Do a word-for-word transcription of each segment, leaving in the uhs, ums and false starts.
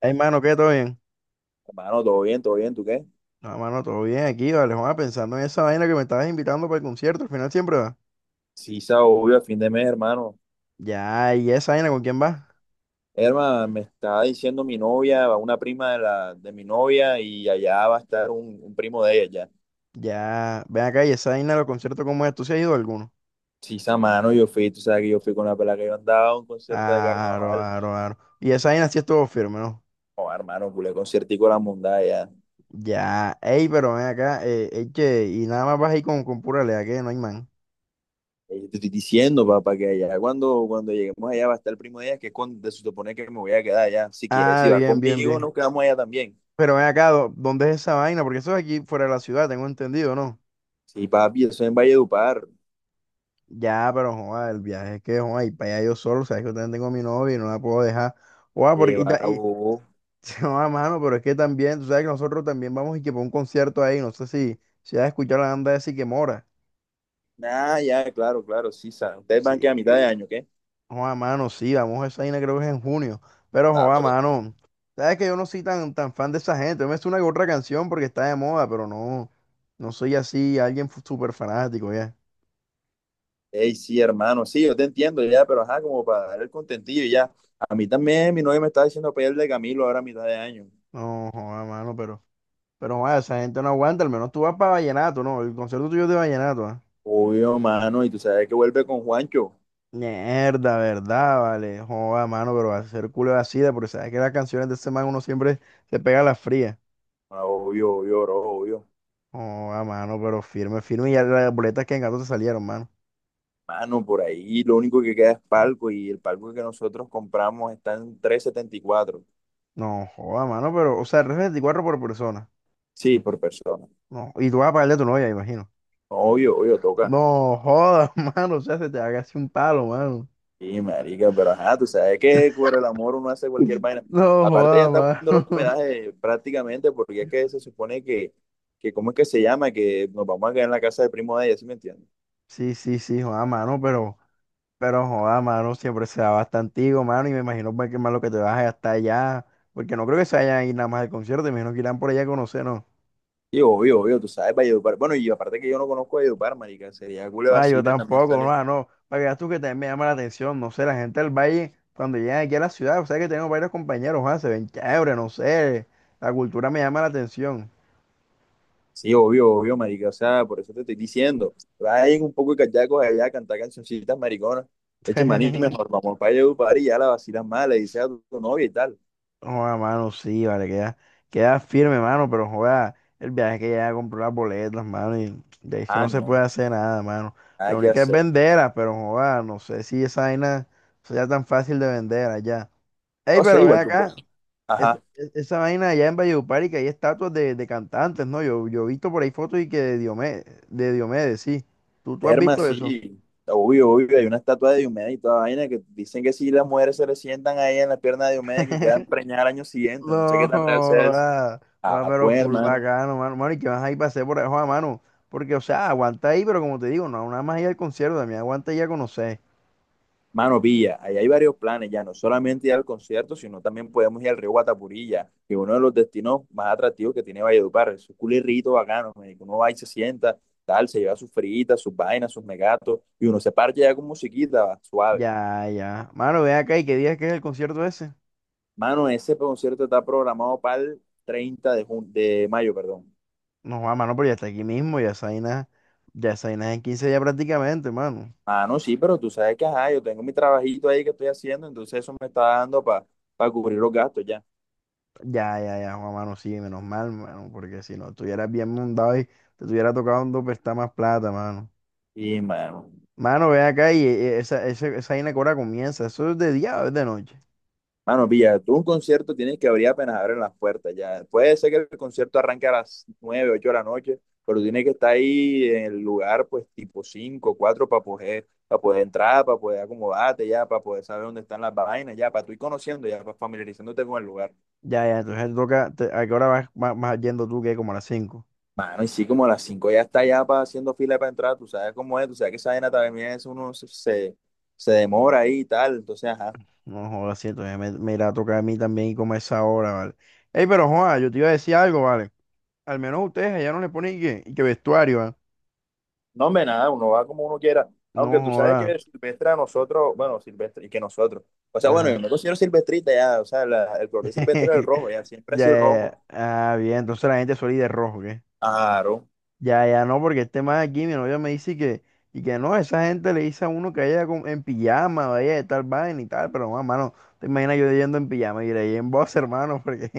Ay, mano, ¿qué? ¿Todo bien? Hermano, todo bien, todo bien, ¿tú qué? No, mano, todo bien aquí, vale, Juan, pensando en esa vaina que me estabas invitando para el concierto, al final siempre va. Sí, sa- obvio, a fin de mes, hermano. Ya, ¿y esa vaina con quién va? Hermano, me está diciendo mi novia, una prima de la de mi novia, y allá va a estar un, un primo de ella ya. Ya, ven acá, ¿y esa vaina de los conciertos cómo es? ¿Tú sí has ido a alguno? Sí, sa, mano, yo fui, tú sabes que yo fui con la pela que yo andaba a un concierto de Aro, carnaval. aro, aro. Y esa vaina sí estuvo firme, ¿no? Oh, hermano, culé conciertico la mundada allá. Ya, ey, pero ven acá, eh, ey, che, y nada más vas ahí con, con pura lea, que no hay man. Eh, Te estoy diciendo, papá, que allá cuando, cuando lleguemos allá va a estar el primo de ella, que es cuando se supone que me voy a quedar allá. Si quieres, si Ah, vas bien, bien, conmigo, bien. nos quedamos allá también. Pero ven acá, ¿dó- ¿dónde es esa vaina? Porque eso es aquí fuera de la ciudad, tengo entendido, ¿no? Sí, papi, eso es en Valledupar. Ya, pero joda, el viaje es que joda, y para allá yo solo, sabes que yo también tengo a mi novia y no la puedo dejar. Joda, porque y, ta- Llévala. y joda, mano, pero es que también, tú sabes que nosotros también vamos y que para un concierto ahí, no sé si, si has escuchado la banda de Siquemora. Ah, ya, claro, claro, sí, sa- ustedes van Sí, que a mitad de año, ¿qué? joda, mano, sí, vamos a esa vaina creo que es en junio. Pero Ah, joda, pero… mano, sabes que yo no soy tan, tan fan de esa gente. Yo me sé una que otra canción porque está de moda, pero no, no soy así alguien fu- súper fanático ya. Ey, sí, hermano, sí, yo te entiendo ya, pero ajá, como para dar el contentillo y ya. A mí también, mi novia me está diciendo para ir al de Camilo ahora a mitad de año. No, joda, mano, pero. Pero vaya, esa gente no aguanta, al menos tú vas para Vallenato, ¿no? El concierto tuyo es de Vallenato, ¿ah? Obvio, mano, y tú sabes que vuelve con Juancho. Mierda, ¿verdad? Vale, joda, mano, pero va a ser culo de asida, porque sabes que las canciones de ese man uno siempre se pega las frías. Ah, obvio, obvio, bro, obvio. Joda, mano, pero firme, firme, y ya las boletas que en gato te salieron, mano. Mano, por ahí lo único que queda es palco y el palco que nosotros compramos está en trescientos setenta y cuatro. No, joda, mano, pero, o sea, es veinticuatro por persona. Sí, por persona. No, y tú vas a pagarle a tu novia, imagino. Obvio, obvio, toca. No, joda, mano, o sea, se te haga así un palo, mano. Sí, marica, pero ajá, tú sabes que por el amor uno hace cualquier vaina. No, Aparte, ya joda, está poniendo los mano. pedajes prácticamente, porque es que se supone que, que, ¿cómo es que se llama? Que nos vamos a quedar en la casa del primo de ella, ¿sí me entiendes? Sí, sí, sí, joda, mano, pero… Pero joda, mano, siempre se da bastante, antiguo, mano, y me imagino pues, que más lo que te vas a gastar allá, porque no creo que se vayan a ir nada más al concierto, me imagino que irán por allá a conocer, no. Y obvio, obvio, tú sabes, Valledupar. Bueno, y aparte que yo no conozco Valledupar, marica, sería culo de Ah, yo vacile también tampoco, no, sale. ah, no, para que veas tú que también me llama la atención, no sé, la gente del valle, cuando llegan aquí a la ciudad, o sea que tengo varios compañeros, ah, se ven chévere, no sé, la cultura me llama la atención. Sí, obvio, obvio, marica, o sea, por eso te estoy diciendo. Vayan un poco de cachacos allá a cantar cancioncitas mariconas. Eche maní, mejor vamos para Valledupar y ya la vacilas mal, le dices a tu tu novia y tal. Joda, mano, sí, vale, queda, queda firme, mano, pero joda, el viaje es que ya compró las boletas, mano, y de hecho no Ah, se puede no, hacer nada, mano. La nada que única es hacer. venderlas, pero joda, no sé si esa vaina sea tan fácil de vender allá. Ey, O sea, pero ven igual que por… acá, es- Ajá. es- esa vaina allá en Valledupar y que hay estatuas de, de cantantes, ¿no? Yo, yo he visto por ahí fotos y que de Diomedes, de Diomedes, sí. ¿Tú, tú has Herma, visto Eh, eso? sí. Obvio, obvio, hay una estatua de Diomedes y toda vaina que dicen que si las mujeres se le sientan ahí en la pierna de Diomedes que quedan preñadas al año siguiente, no sé qué No, tan real sea eso. joda. Joda, Ah, pero pues, full hermano. bacano, mano. Mano, y que vas ahí pasé por abajo a mano. Porque, o sea, aguanta ahí, pero como te digo, no, nada más ir al concierto, también aguanta ya a conocer. Mano, pilla, ahí hay varios planes ya, no solamente ir al concierto, sino también podemos ir al río Guatapurí, ya, que es uno de los destinos más atractivos que tiene Valledupar. Es un culirrito bacano, marico. Uno va y se sienta, tal, se lleva sus fritas, sus vainas, sus megatos, y uno se parcha ya con musiquita, va, suave. Ya, ya. Mano, ven acá y qué día es que es el concierto ese. Mano, ese concierto está programado para el treinta de jun- de mayo, perdón. No, joda, mano, pero ya está aquí mismo, ya esa vaina, ya esa vaina es en quince ya prácticamente, mano. Ah, no, sí, pero tú sabes que, ajá, yo tengo mi trabajito ahí que estoy haciendo, entonces eso me está dando para cubrir los gastos ya. Ya, ya, ya, Juan, mano, sí, menos mal, mano, porque si no estuvieras bien mundado y te tuviera tocado un dopestar más plata, mano. Y, mano, Mano, ven acá y eh, esa, ese- esa vaina que ahora comienza, ¿eso es de día o es de noche? mano, pilla, tú un concierto tienes que abrir apenas abren las puertas ya. Puede ser que el concierto arranque a las nueve ocho de la noche, pero tienes que estar ahí en el lugar, pues, tipo cinco cuatro para poder, para poder entrar, para poder acomodarte ya, para poder saber dónde están las vainas ya, para tú ir conociendo ya, para familiarizándote con el lugar. Ya, ya, entonces te toca, te- ¿a qué hora vas, vas- vas yendo tú que como a las cinco. Mano, y sí, como a las cinco ya está ya pa- haciendo fila para entrar, tú sabes cómo es, tú sabes que esa vaina también es, uno se, se se demora ahí y tal, entonces, ajá. No, jodas, sí, entonces me, me irá a tocar a mí también y como a esa hora, ¿vale? Ey, pero joda, yo te iba a decir algo, ¿vale? Al menos ustedes allá no le ponen y que, y que vestuario, ¿ah? No, hombre, nada, uno va como uno quiera, No, aunque tú sabes joda. que Silvestre a nosotros, bueno, Silvestre, y que nosotros, o sea, bueno, yo Ajá. me considero silvestrita ya, o sea, la- el color de Silvestre es el rojo, ya, siempre ha Ya, sido el ya, rojo. ya. Ah, bien, entonces la gente suele ir de rojo, ¿qué? Claro, Ya, ya, no, porque este más aquí, mi novia me dice que, y que no, esa gente le dice a uno que vaya con- en pijama, vaya de tal vaina y tal, pero, no, mano, te imaginas yo yendo en pijama y iré en voz, hermano, porque…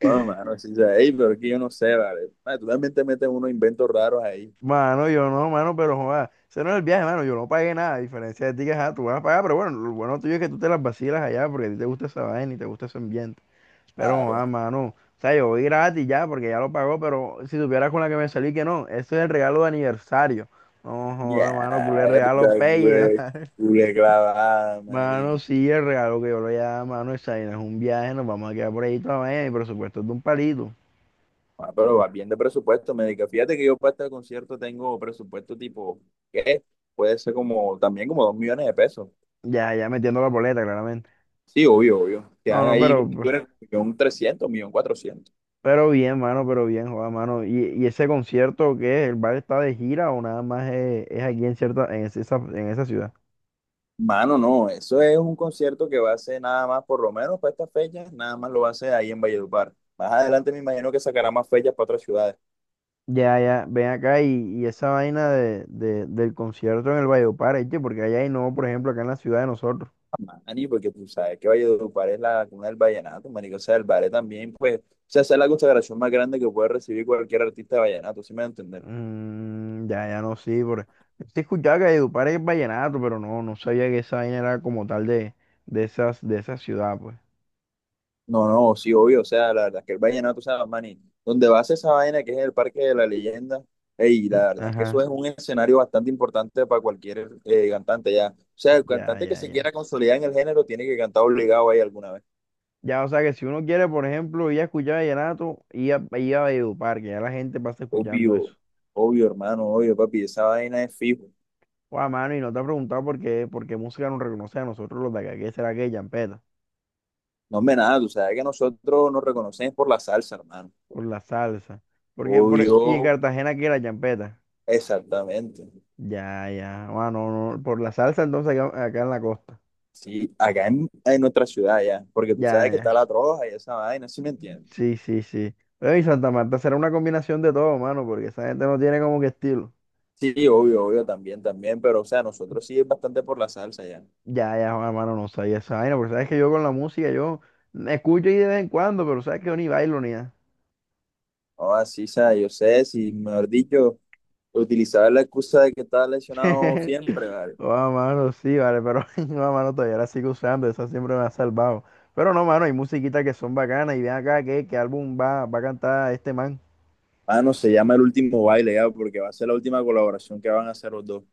bueno, mano, sí, o sea, ey, pero es que yo no sé, vale, mano, tú también te metes unos inventos raros ahí, Mano, yo no, mano, pero joda, ese no es el viaje, mano, yo no pagué nada, a diferencia de ti que ajá, tú vas a pagar, pero bueno, lo bueno tuyo es que tú te las vacilas allá porque a ti te gusta esa vaina y te gusta ese ambiente. Pero claro. joda, mano, o sea, yo voy gratis ya porque ya lo pagó, pero si supieras con la que me salí que no, eso es el regalo de aniversario. No joda, mano, culé regalo Mierda, pelle. güey, culé clavada. Mano, sí, el regalo que yo le voy a dar, mano, esa vaina es un viaje, nos vamos a quedar por ahí toda la vaina y por supuesto es de un palito. Ah, pero vas bien de presupuesto, médica. Fíjate que yo para este concierto tengo presupuesto tipo, ¿qué? Puede ser como, también como dos millones de pesos. Ya, ya metiendo la boleta, claramente. Sí, obvio, obvio. Te No, dan no, ahí pero un trescientos, millón cuatrocientos. Pero bien, mano, pero bien, joda, mano. ¿Y, y ese concierto qué es? ¿El bar está de gira o nada más es, es aquí en cierta, en esa, en esa ciudad? Mano, no, eso es un concierto que va a ser nada más, por lo menos para estas fechas, nada más lo va a hacer ahí en Valledupar. Más adelante me imagino que sacará más fechas para otras ciudades. Ya, ya, ven acá y, y esa vaina de, de- del concierto en el Valledupar, ¿eh? Porque allá hay no, por ejemplo, acá en la ciudad de nosotros. Ah, Mani, porque tú sabes que Valledupar es la cuna del vallenato, marico. O sea, el ballet también, pues, o sea, esa es la consagración más grande que puede recibir cualquier artista de vallenato, ¿sí me entiendes? Mm, ya, ya no, sí, por… Sí escuchaba que Valledupar es vallenato, pero no, no sabía que esa vaina era como tal de, de esas, de esa ciudad, pues. No, no, sí, obvio, o sea, la verdad es que el vallenato, o sea, Manny, donde vas a ser esa vaina que es el Parque de la Leyenda, y Mm, la verdad es que eso ajá, es un escenario bastante importante para cualquier eh, cantante ya. O sea, el ya, cantante que ya, se ya. quiera consolidar en el género tiene que cantar obligado ahí alguna vez. Ya, o sea que si uno quiere, por ejemplo, ir a escuchar vallenato, ir a, ir a Valledupar, que ya la gente pasa escuchando Obvio, eso. obvio, hermano, obvio, papi, esa vaina es fijo. Guau, mano, y no te ha preguntado por qué, por qué música nos reconoce a nosotros los de acá, ¿qué será que champeta? No me nada, tú sabes que nosotros nos reconocemos por la salsa, hermano. Por la salsa. Porque, por, y en Obvio, Cartagena, ¿qué era champeta? exactamente. Ya, ya, bueno, no, no, por la salsa entonces acá, acá en la costa. Sí, acá en, en nuestra ciudad ya, porque tú Ya, sabes que está ya. la troja y esa vaina, ¿sí me entiendes? Sí, sí, sí. Pero y Santa Marta será una combinación de todo, mano, porque esa gente no tiene como que estilo. Sí, obvio, obvio, también, también, pero o sea, nosotros sí es bastante por la salsa ya. Ya, ya, Juan, hermano, no sabía esa vaina, porque sabes que yo con la música, yo me escucho ahí de vez en cuando, pero sabes que yo ni bailo ni nada. Ah, así o sea, yo sé, si mejor dicho, utilizaba la excusa de que estaba lesionado siempre, ¿vale? Joda, mano, sí, vale, pero no, mano, todavía la sigo usando, esa siempre me ha salvado. Pero no, mano, hay musiquitas que son bacanas, y ven acá, ¿qué, ¿qué álbum va, va a cantar este man? Mano, se llama El Último Baile ya, porque va a ser la última colaboración que van a hacer los dos.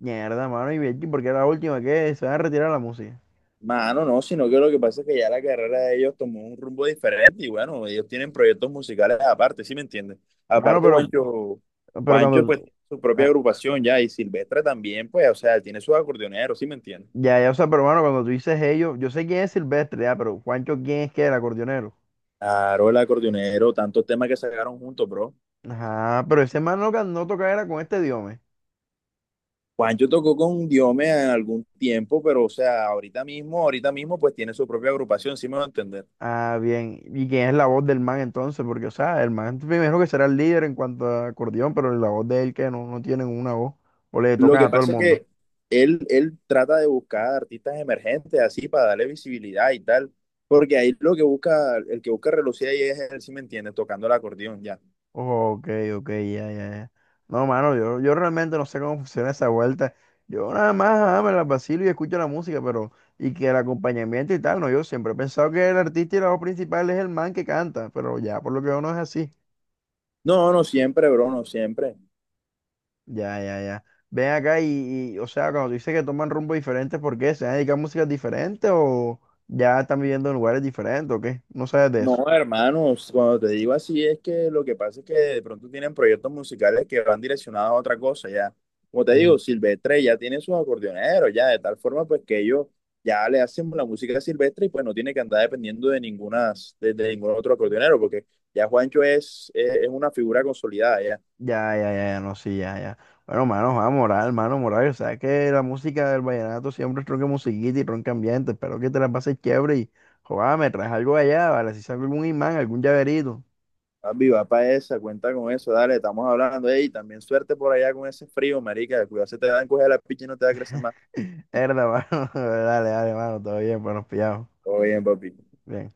Mierda, mano, y bien, porque es la última que se van a retirar la música. Mano, no, sino que lo que pasa es que ya la carrera de ellos tomó un rumbo diferente y bueno, ellos tienen proyectos musicales aparte, ¿sí me entiendes? Mano, Aparte, pero, Juancho. pero cuando, Juancho pues tiene su propia ah, agrupación ya y Silvestre también, pues, o sea, tiene sus acordeoneros, ¿sí me entiendes? ya, ya, o sea, pero, mano, cuando tú dices ellos, yo sé quién es Silvestre, ya, pero Juancho, ¿quién es que el acordeonero? Claro, el acordeonero, tantos temas que sacaron juntos, bro. Ajá, pero ese man no ganó tocar era con este diome. Juancho tocó con Diome en algún tiempo, pero o sea, ahorita mismo, ahorita mismo, pues tiene su propia agrupación, sí me va a entender. Ah, bien. ¿Y quién es la voz del man entonces? Porque, o sea, el man primero que será el líder en cuanto a acordeón, pero la voz de él que no, no tienen una voz. O le Lo tocan que a todo el pasa es mundo. que él, él trata de buscar artistas emergentes así para darle visibilidad y tal, porque ahí lo que busca, el que busca relucir ahí es él, sí me entiendes, tocando el acordeón ya. Ok, ok, ya, ya, ya. No, mano, yo, yo realmente no sé cómo funciona esa vuelta. Yo nada más ah, me la vacilo y escucho la música, pero, y que el acompañamiento y tal, no, yo siempre he pensado que el artista y la voz principal es el man que canta, pero ya, por lo que veo no es así. No, no siempre, bro, no siempre. Ya, ya, ya. Ven acá y, y, o sea, cuando tú dices que toman rumbo diferente, ¿por qué? ¿Se han dedicado a músicas diferentes o ya están viviendo en lugares diferentes o qué? No sabes de No, eso. hermanos, cuando te digo así es que lo que pasa es que de pronto tienen proyectos musicales que van direccionados a otra cosa, ya. Como te digo, Mm. Silvestre ya tiene sus acordeoneros, ya, de tal forma pues que ellos ya le hacen la música a Silvestre y pues no tiene que andar dependiendo de ninguna, de, de ningún otro acordeonero, porque ya Juancho es, es, es una figura consolidada, ya. Ya, ya, ya, ya, no, sí, ya, ya. Bueno, mano, va, moral, mano, moral. O sea, que la música del vallenato siempre es tronca musiquita y tronca ambiente. Espero que te la pases chévere y, joder, me traes algo allá, ¿vale? Si saco algún imán, algún llaverito. Papi, va para esa, cuenta con eso, dale, estamos hablando, ey, también suerte por allá con ese frío, marica, cuidado se te dan coger la picha y no te va a crecer más. Herda, mano. Dale, dale, mano, todo bien, bueno, pillado. Todo bien, papi. Bien.